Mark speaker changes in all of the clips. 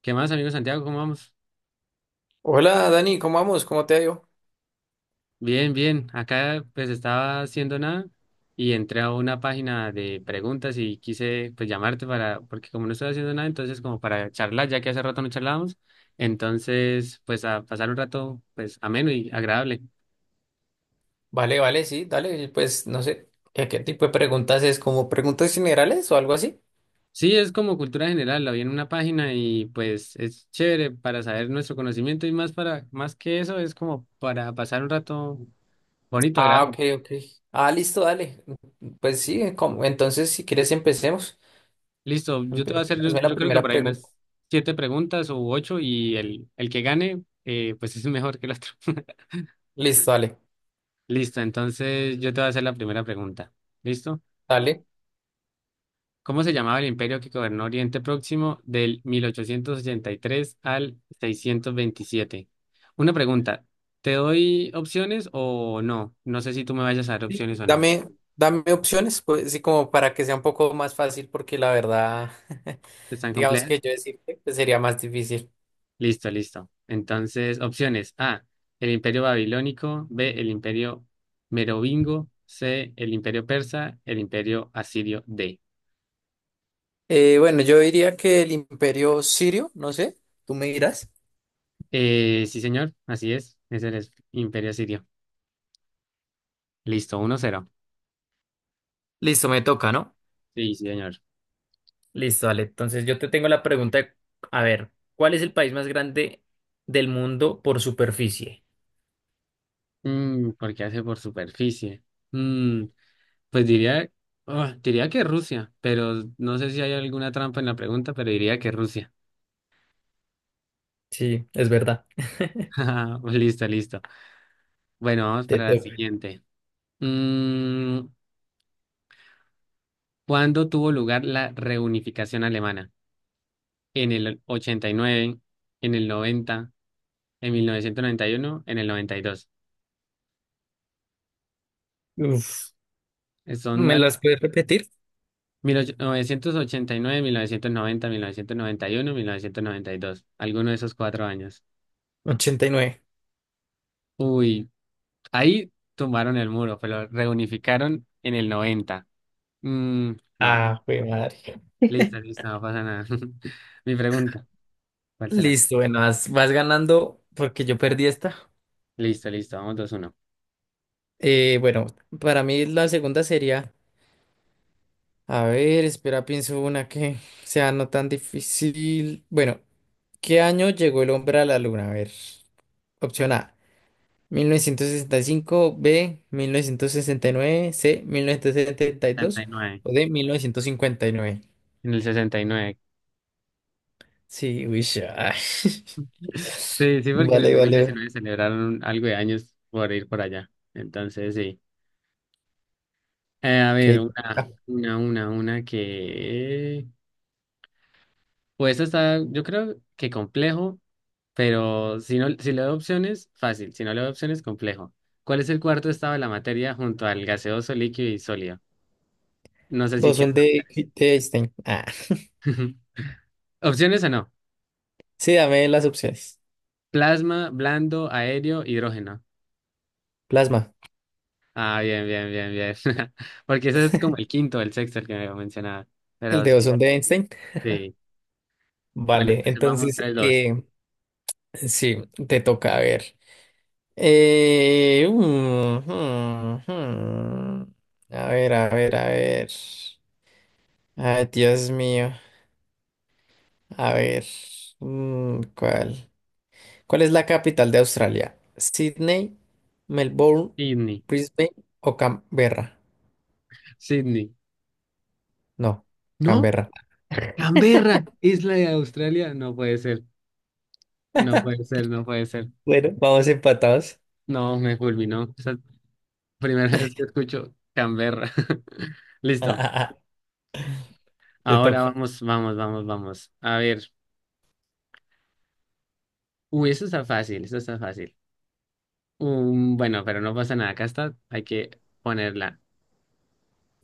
Speaker 1: ¿Qué más, amigo Santiago? ¿Cómo vamos?
Speaker 2: Hola Dani, ¿cómo vamos? ¿Cómo te ha ido?
Speaker 1: Bien, bien. Acá pues estaba haciendo nada y entré a una página de preguntas y quise pues llamarte para, porque como no estoy haciendo nada, entonces como para charlar, ya que hace rato no charlábamos, entonces pues a pasar un rato pues ameno y agradable.
Speaker 2: Vale, vale, sí, dale, pues no sé, ¿qué tipo de preguntas es? ¿Como preguntas generales o algo así?
Speaker 1: Sí, es como cultura general, la vi en una página y pues es chévere para saber nuestro conocimiento y más para, más que eso, es como para pasar un rato bonito,
Speaker 2: Ah, ok,
Speaker 1: agradable.
Speaker 2: ok. Ah, listo, dale. Pues sí, entonces si quieres empecemos.
Speaker 1: Listo, yo te voy a hacer, yo,
Speaker 2: Hazme la
Speaker 1: yo creo que
Speaker 2: primera
Speaker 1: por ahí
Speaker 2: pregunta.
Speaker 1: unas siete preguntas o ocho y el que gane, pues es mejor que el otro.
Speaker 2: Listo, dale,
Speaker 1: Listo, entonces yo te voy a hacer la primera pregunta. ¿Listo?
Speaker 2: dale.
Speaker 1: ¿Cómo se llamaba el imperio que gobernó Oriente Próximo del 1883 al 627? Una pregunta, ¿te doy opciones o no? No sé si tú me vayas a dar
Speaker 2: Sí,
Speaker 1: opciones o no.
Speaker 2: Dame, dame opciones, pues sí, como para que sea un poco más fácil, porque la verdad,
Speaker 1: ¿Están
Speaker 2: digamos
Speaker 1: complejas?
Speaker 2: que yo decirte que sería más difícil.
Speaker 1: Listo, listo. Entonces, opciones. A, el imperio babilónico. B, el imperio merovingo. C, el imperio persa. El imperio asirio. D.
Speaker 2: Bueno, yo diría que el imperio sirio, no sé, tú me dirás.
Speaker 1: Sí, señor. Así es. Es el es- imperio asirio. Listo, 1-0.
Speaker 2: Listo, me toca, ¿no?
Speaker 1: Sí, sí, señor.
Speaker 2: Listo, Ale. Entonces yo te tengo la pregunta, a ver, ¿cuál es el país más grande del mundo por superficie?
Speaker 1: Mm, ¿por qué hace por superficie? Mm, pues diría, ah, diría que Rusia, pero no sé si hay alguna trampa en la pregunta, pero diría que Rusia.
Speaker 2: Sí, es verdad.
Speaker 1: Listo, listo. Bueno, vamos
Speaker 2: Te
Speaker 1: para la
Speaker 2: toca.
Speaker 1: siguiente. Mm, ¿cuándo tuvo lugar la reunificación alemana? ¿En el 89, en el 90, en 1991, en el noventa y dos?
Speaker 2: Uf,
Speaker 1: Son
Speaker 2: ¿me
Speaker 1: al-
Speaker 2: las puedes repetir?
Speaker 1: 1989, 1990, 1991, 1992. Alguno de esos cuatro años.
Speaker 2: 89.
Speaker 1: Uy, ahí tumbaron el muro, pero reunificaron en el 90. Mm, no,
Speaker 2: Ah, güey, madre.
Speaker 1: listo, listo, no pasa nada. Mi pregunta, ¿cuál será?
Speaker 2: Listo, bueno, vas ganando porque yo perdí esta.
Speaker 1: Listo, listo, vamos 2-1.
Speaker 2: Bueno, para mí la segunda sería, a ver, espera, pienso una que sea no tan difícil. Bueno, ¿qué año llegó el hombre a la luna? A ver, opción A, 1965; B, 1969; C, mil novecientos setenta y
Speaker 1: Sesenta y
Speaker 2: dos
Speaker 1: nueve.
Speaker 2: o D, 1959.
Speaker 1: En el 69.
Speaker 2: Sí, uy, ya.
Speaker 1: Sí, sí, porque en el
Speaker 2: Vale,
Speaker 1: dos mil
Speaker 2: vale.
Speaker 1: diecinueve celebraron algo de años por ir por allá. Entonces, sí. A ver,
Speaker 2: Ok.
Speaker 1: una,
Speaker 2: Ah,
Speaker 1: una, una, una que... Pues esta está, yo creo que complejo, pero si no, si le doy opciones, fácil. Si no le doy opciones, complejo. ¿Cuál es el cuarto estado de la materia junto al gaseoso, líquido y sólido? No sé si
Speaker 2: Bosón
Speaker 1: quieren
Speaker 2: de,
Speaker 1: opciones.
Speaker 2: de Einstein. Ah.
Speaker 1: ¿Opciones o no?
Speaker 2: Sí, dame las opciones.
Speaker 1: Plasma, blando, aéreo, hidrógeno.
Speaker 2: Plasma.
Speaker 1: Ah, bien, bien, bien, bien. Porque ese es como el quinto, el sexto, el que me mencionaba.
Speaker 2: El
Speaker 1: Pero
Speaker 2: de bosón
Speaker 1: sí.
Speaker 2: de Einstein.
Speaker 1: Sí. Bueno,
Speaker 2: Vale,
Speaker 1: entonces vamos
Speaker 2: entonces,
Speaker 1: 3-2.
Speaker 2: sí, te toca a ver. Eh, mm, mm, mm. A ver, a ver, a ver. Ay, Dios mío. A ver, ¿cuál? ¿Cuál es la capital de Australia? ¿Sydney, Melbourne,
Speaker 1: Sydney,
Speaker 2: Brisbane o Canberra?
Speaker 1: Sydney.
Speaker 2: No,
Speaker 1: No,
Speaker 2: Canberra.
Speaker 1: Canberra, isla de Australia. No puede ser, no puede ser, no puede ser.
Speaker 2: Bueno, vamos empatados.
Speaker 1: No, me fulminó. Esa es la primera vez que escucho Canberra. Listo.
Speaker 2: Te
Speaker 1: Ahora
Speaker 2: toca.
Speaker 1: vamos, vamos, vamos, vamos. A ver. Uy, eso está fácil, eso está fácil. Bueno, pero no pasa nada. Acá está, hay que ponerla.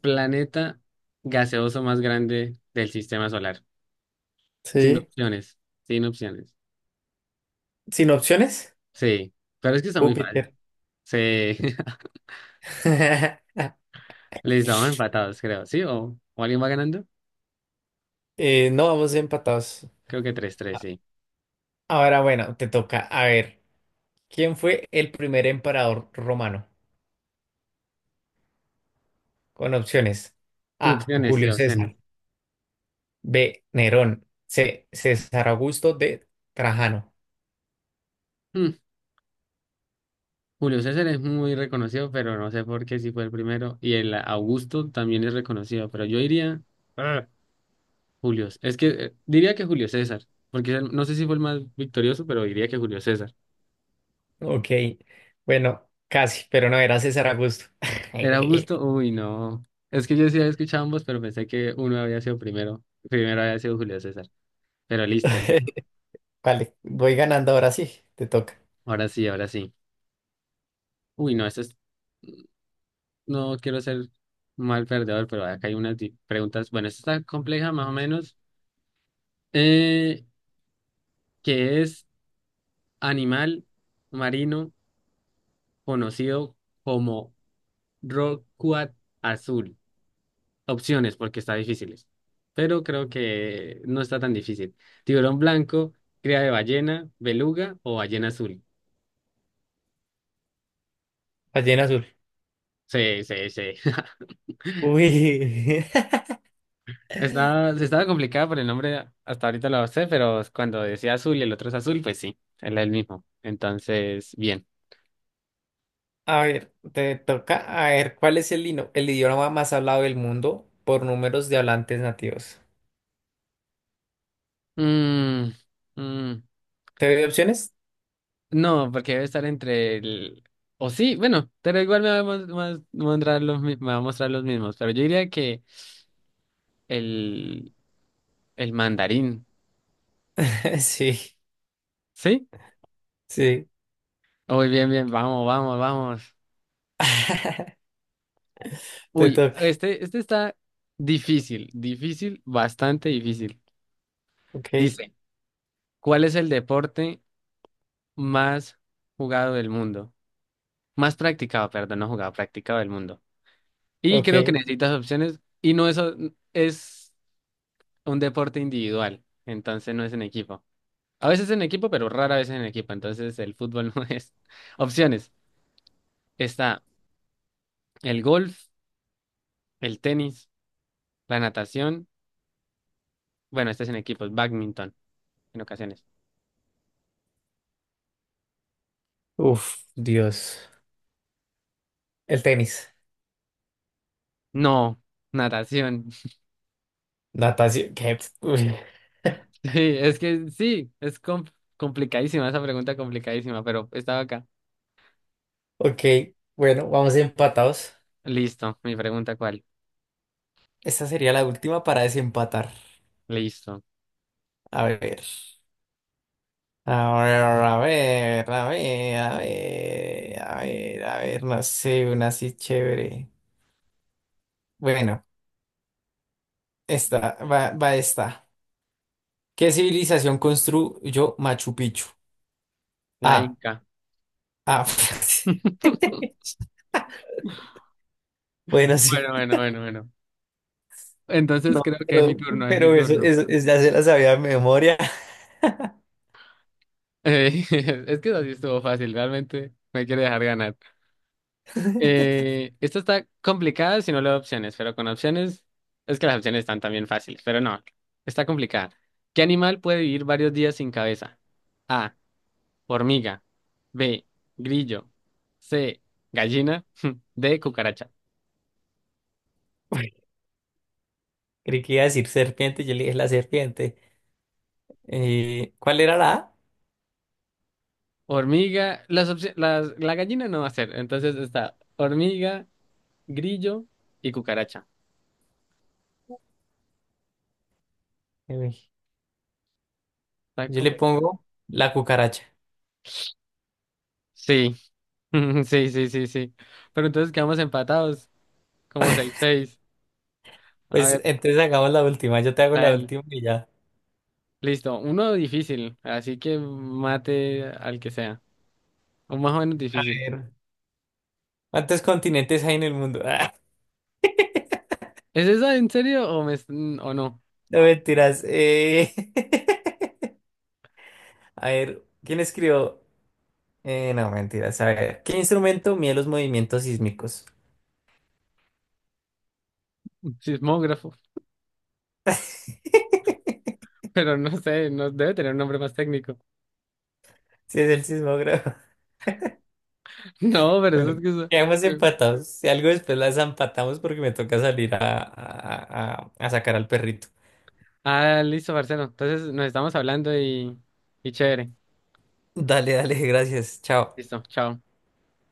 Speaker 1: Planeta gaseoso más grande del sistema solar. Sin
Speaker 2: Sí.
Speaker 1: opciones, sin opciones.
Speaker 2: ¿Sin opciones?
Speaker 1: Sí, pero es que está muy fácil.
Speaker 2: Júpiter.
Speaker 1: Sí, listo, vamos empatados, creo. ¿Sí? O alguien va ganando?
Speaker 2: No, vamos empatados.
Speaker 1: Creo que 3-3 sí.
Speaker 2: Ahora, bueno, te toca. A ver, ¿quién fue el primer emperador romano? Con opciones. A,
Speaker 1: Opciones, sí,
Speaker 2: Julio
Speaker 1: opciones.
Speaker 2: César. B, Nerón. C, César Augusto. D, Trajano.
Speaker 1: Mm, Julio César es muy reconocido, pero no sé por qué si fue el primero. Y el Augusto también es reconocido, pero yo diría. Ah, Julio. Es que diría que Julio César, porque él- no sé si fue el más victorioso, pero diría que Julio César.
Speaker 2: Ok, bueno, casi, pero no era César Augusto.
Speaker 1: ¿Era Augusto? Uy, no. Es que yo sí había escuchado ambos, pero pensé que uno había sido primero. Primero había sido Julio César. Pero listo, li-
Speaker 2: Vale, voy ganando ahora sí, te toca.
Speaker 1: ahora sí, ahora sí. Uy, no, esto es. No quiero ser mal perdedor, pero acá hay unas di- preguntas. Bueno, esta está compleja más o menos. Eh, ¿Qué es animal marino conocido como rorcual azul? Opciones, porque está difíciles. Pero creo que no está tan difícil. Tiburón blanco, cría de ballena, beluga o ballena azul.
Speaker 2: Ballena azul.
Speaker 1: Sí, sí, sí.
Speaker 2: Uy,
Speaker 1: Estaba, estaba complicada por el nombre, hasta ahorita lo sé, pero cuando decía azul y el otro es azul, pues sí, él es el mismo. Entonces, bien.
Speaker 2: a ver, te toca. A ver, ¿cuál es el idioma más hablado del mundo por números de hablantes nativos?
Speaker 1: Mm, mm,
Speaker 2: ¿Te doy opciones?
Speaker 1: no, porque debe estar entre el... O sí, bueno, pero igual me va a mostrar los, me va a mostrar los mismos, pero yo diría que el, el mandarín,
Speaker 2: Sí,
Speaker 1: ¿sí?
Speaker 2: sí.
Speaker 1: Muy bien, bien, vamos, vamos, vamos.
Speaker 2: Te
Speaker 1: Uy,
Speaker 2: toca.
Speaker 1: este está difícil, difícil, bastante difícil.
Speaker 2: Ok,
Speaker 1: Dice, ¿cuál es el deporte más jugado del mundo? Más practicado, perdón, no jugado, practicado del mundo. Y creo que
Speaker 2: ok.
Speaker 1: necesitas opciones y no es, es un deporte individual, entonces no es en equipo. A veces en equipo, pero rara vez en equipo, entonces el fútbol no es. Opciones. Está el golf, el tenis, la natación. Bueno, este es en equipos, badminton en ocasiones.
Speaker 2: Uf, Dios. El tenis.
Speaker 1: No, natación.
Speaker 2: Natación. ¿Qué? Uy.
Speaker 1: Sí, es que sí, complicadísima esa pregunta, complicadísima, pero estaba acá.
Speaker 2: Ok, bueno, vamos empatados.
Speaker 1: Listo, mi pregunta, ¿cuál?
Speaker 2: Esta sería la última para desempatar.
Speaker 1: Listo.
Speaker 2: A ver, a ver, a ver, a ver, a ver, a ver, a ver, no sé, una así chévere. Bueno, esta, va esta. ¿Qué civilización construyó Machu Picchu?
Speaker 1: La
Speaker 2: Ah,
Speaker 1: Inca.
Speaker 2: ah. Bueno,
Speaker 1: Bueno,
Speaker 2: sí.
Speaker 1: bueno, bueno, bueno. Entonces
Speaker 2: No,
Speaker 1: creo que es mi
Speaker 2: pero,
Speaker 1: turno, es mi
Speaker 2: pero eso,
Speaker 1: turno.
Speaker 2: eso, eso ya se la sabía de memoria.
Speaker 1: Eh, es que así estuvo fácil, realmente me quiere dejar ganar. Esto está complicada si no le doy opciones, pero con opciones es que las opciones están también fáciles, pero no, está complicada. ¿Qué animal puede vivir varios días sin cabeza? A, hormiga. B, grillo. C, gallina. D, cucaracha.
Speaker 2: Creí que iba a decir serpiente, yo le dije la serpiente. ¿Cuál era la A?
Speaker 1: Hormiga, las opci- las, la gallina no va a ser. Entonces está hormiga, grillo y cucaracha.
Speaker 2: Uy.
Speaker 1: Está
Speaker 2: Yo le
Speaker 1: complicado.
Speaker 2: pongo la cucaracha.
Speaker 1: Sí, sí, sí, sí, sí. Pero entonces quedamos empatados, como 6-6. A
Speaker 2: Pues
Speaker 1: ver,
Speaker 2: entonces hagamos la última. Yo te hago
Speaker 1: la
Speaker 2: la
Speaker 1: del.
Speaker 2: última y ya.
Speaker 1: Listo, uno difícil, así que mate al que sea. O más o menos
Speaker 2: A
Speaker 1: difícil.
Speaker 2: ver. ¿Cuántos continentes hay en el mundo? Ah,
Speaker 1: ¿Es esa en serio o, me, es- o no?
Speaker 2: no mentiras. A ver, ¿quién escribió? No, mentiras. A ver, ¿qué instrumento mide los movimientos sísmicos?
Speaker 1: Sismógrafo, pero no sé, no debe tener un nombre más técnico.
Speaker 2: Si es el sismógrafo.
Speaker 1: No, pero eso
Speaker 2: Bueno,
Speaker 1: es que...
Speaker 2: quedamos
Speaker 1: eso.
Speaker 2: empatados. Si algo después las empatamos porque me toca salir a sacar al perrito.
Speaker 1: Ah, listo, Marcelo. Entonces nos estamos hablando y chévere.
Speaker 2: Dale, dale, gracias. Chao.
Speaker 1: Listo, chao.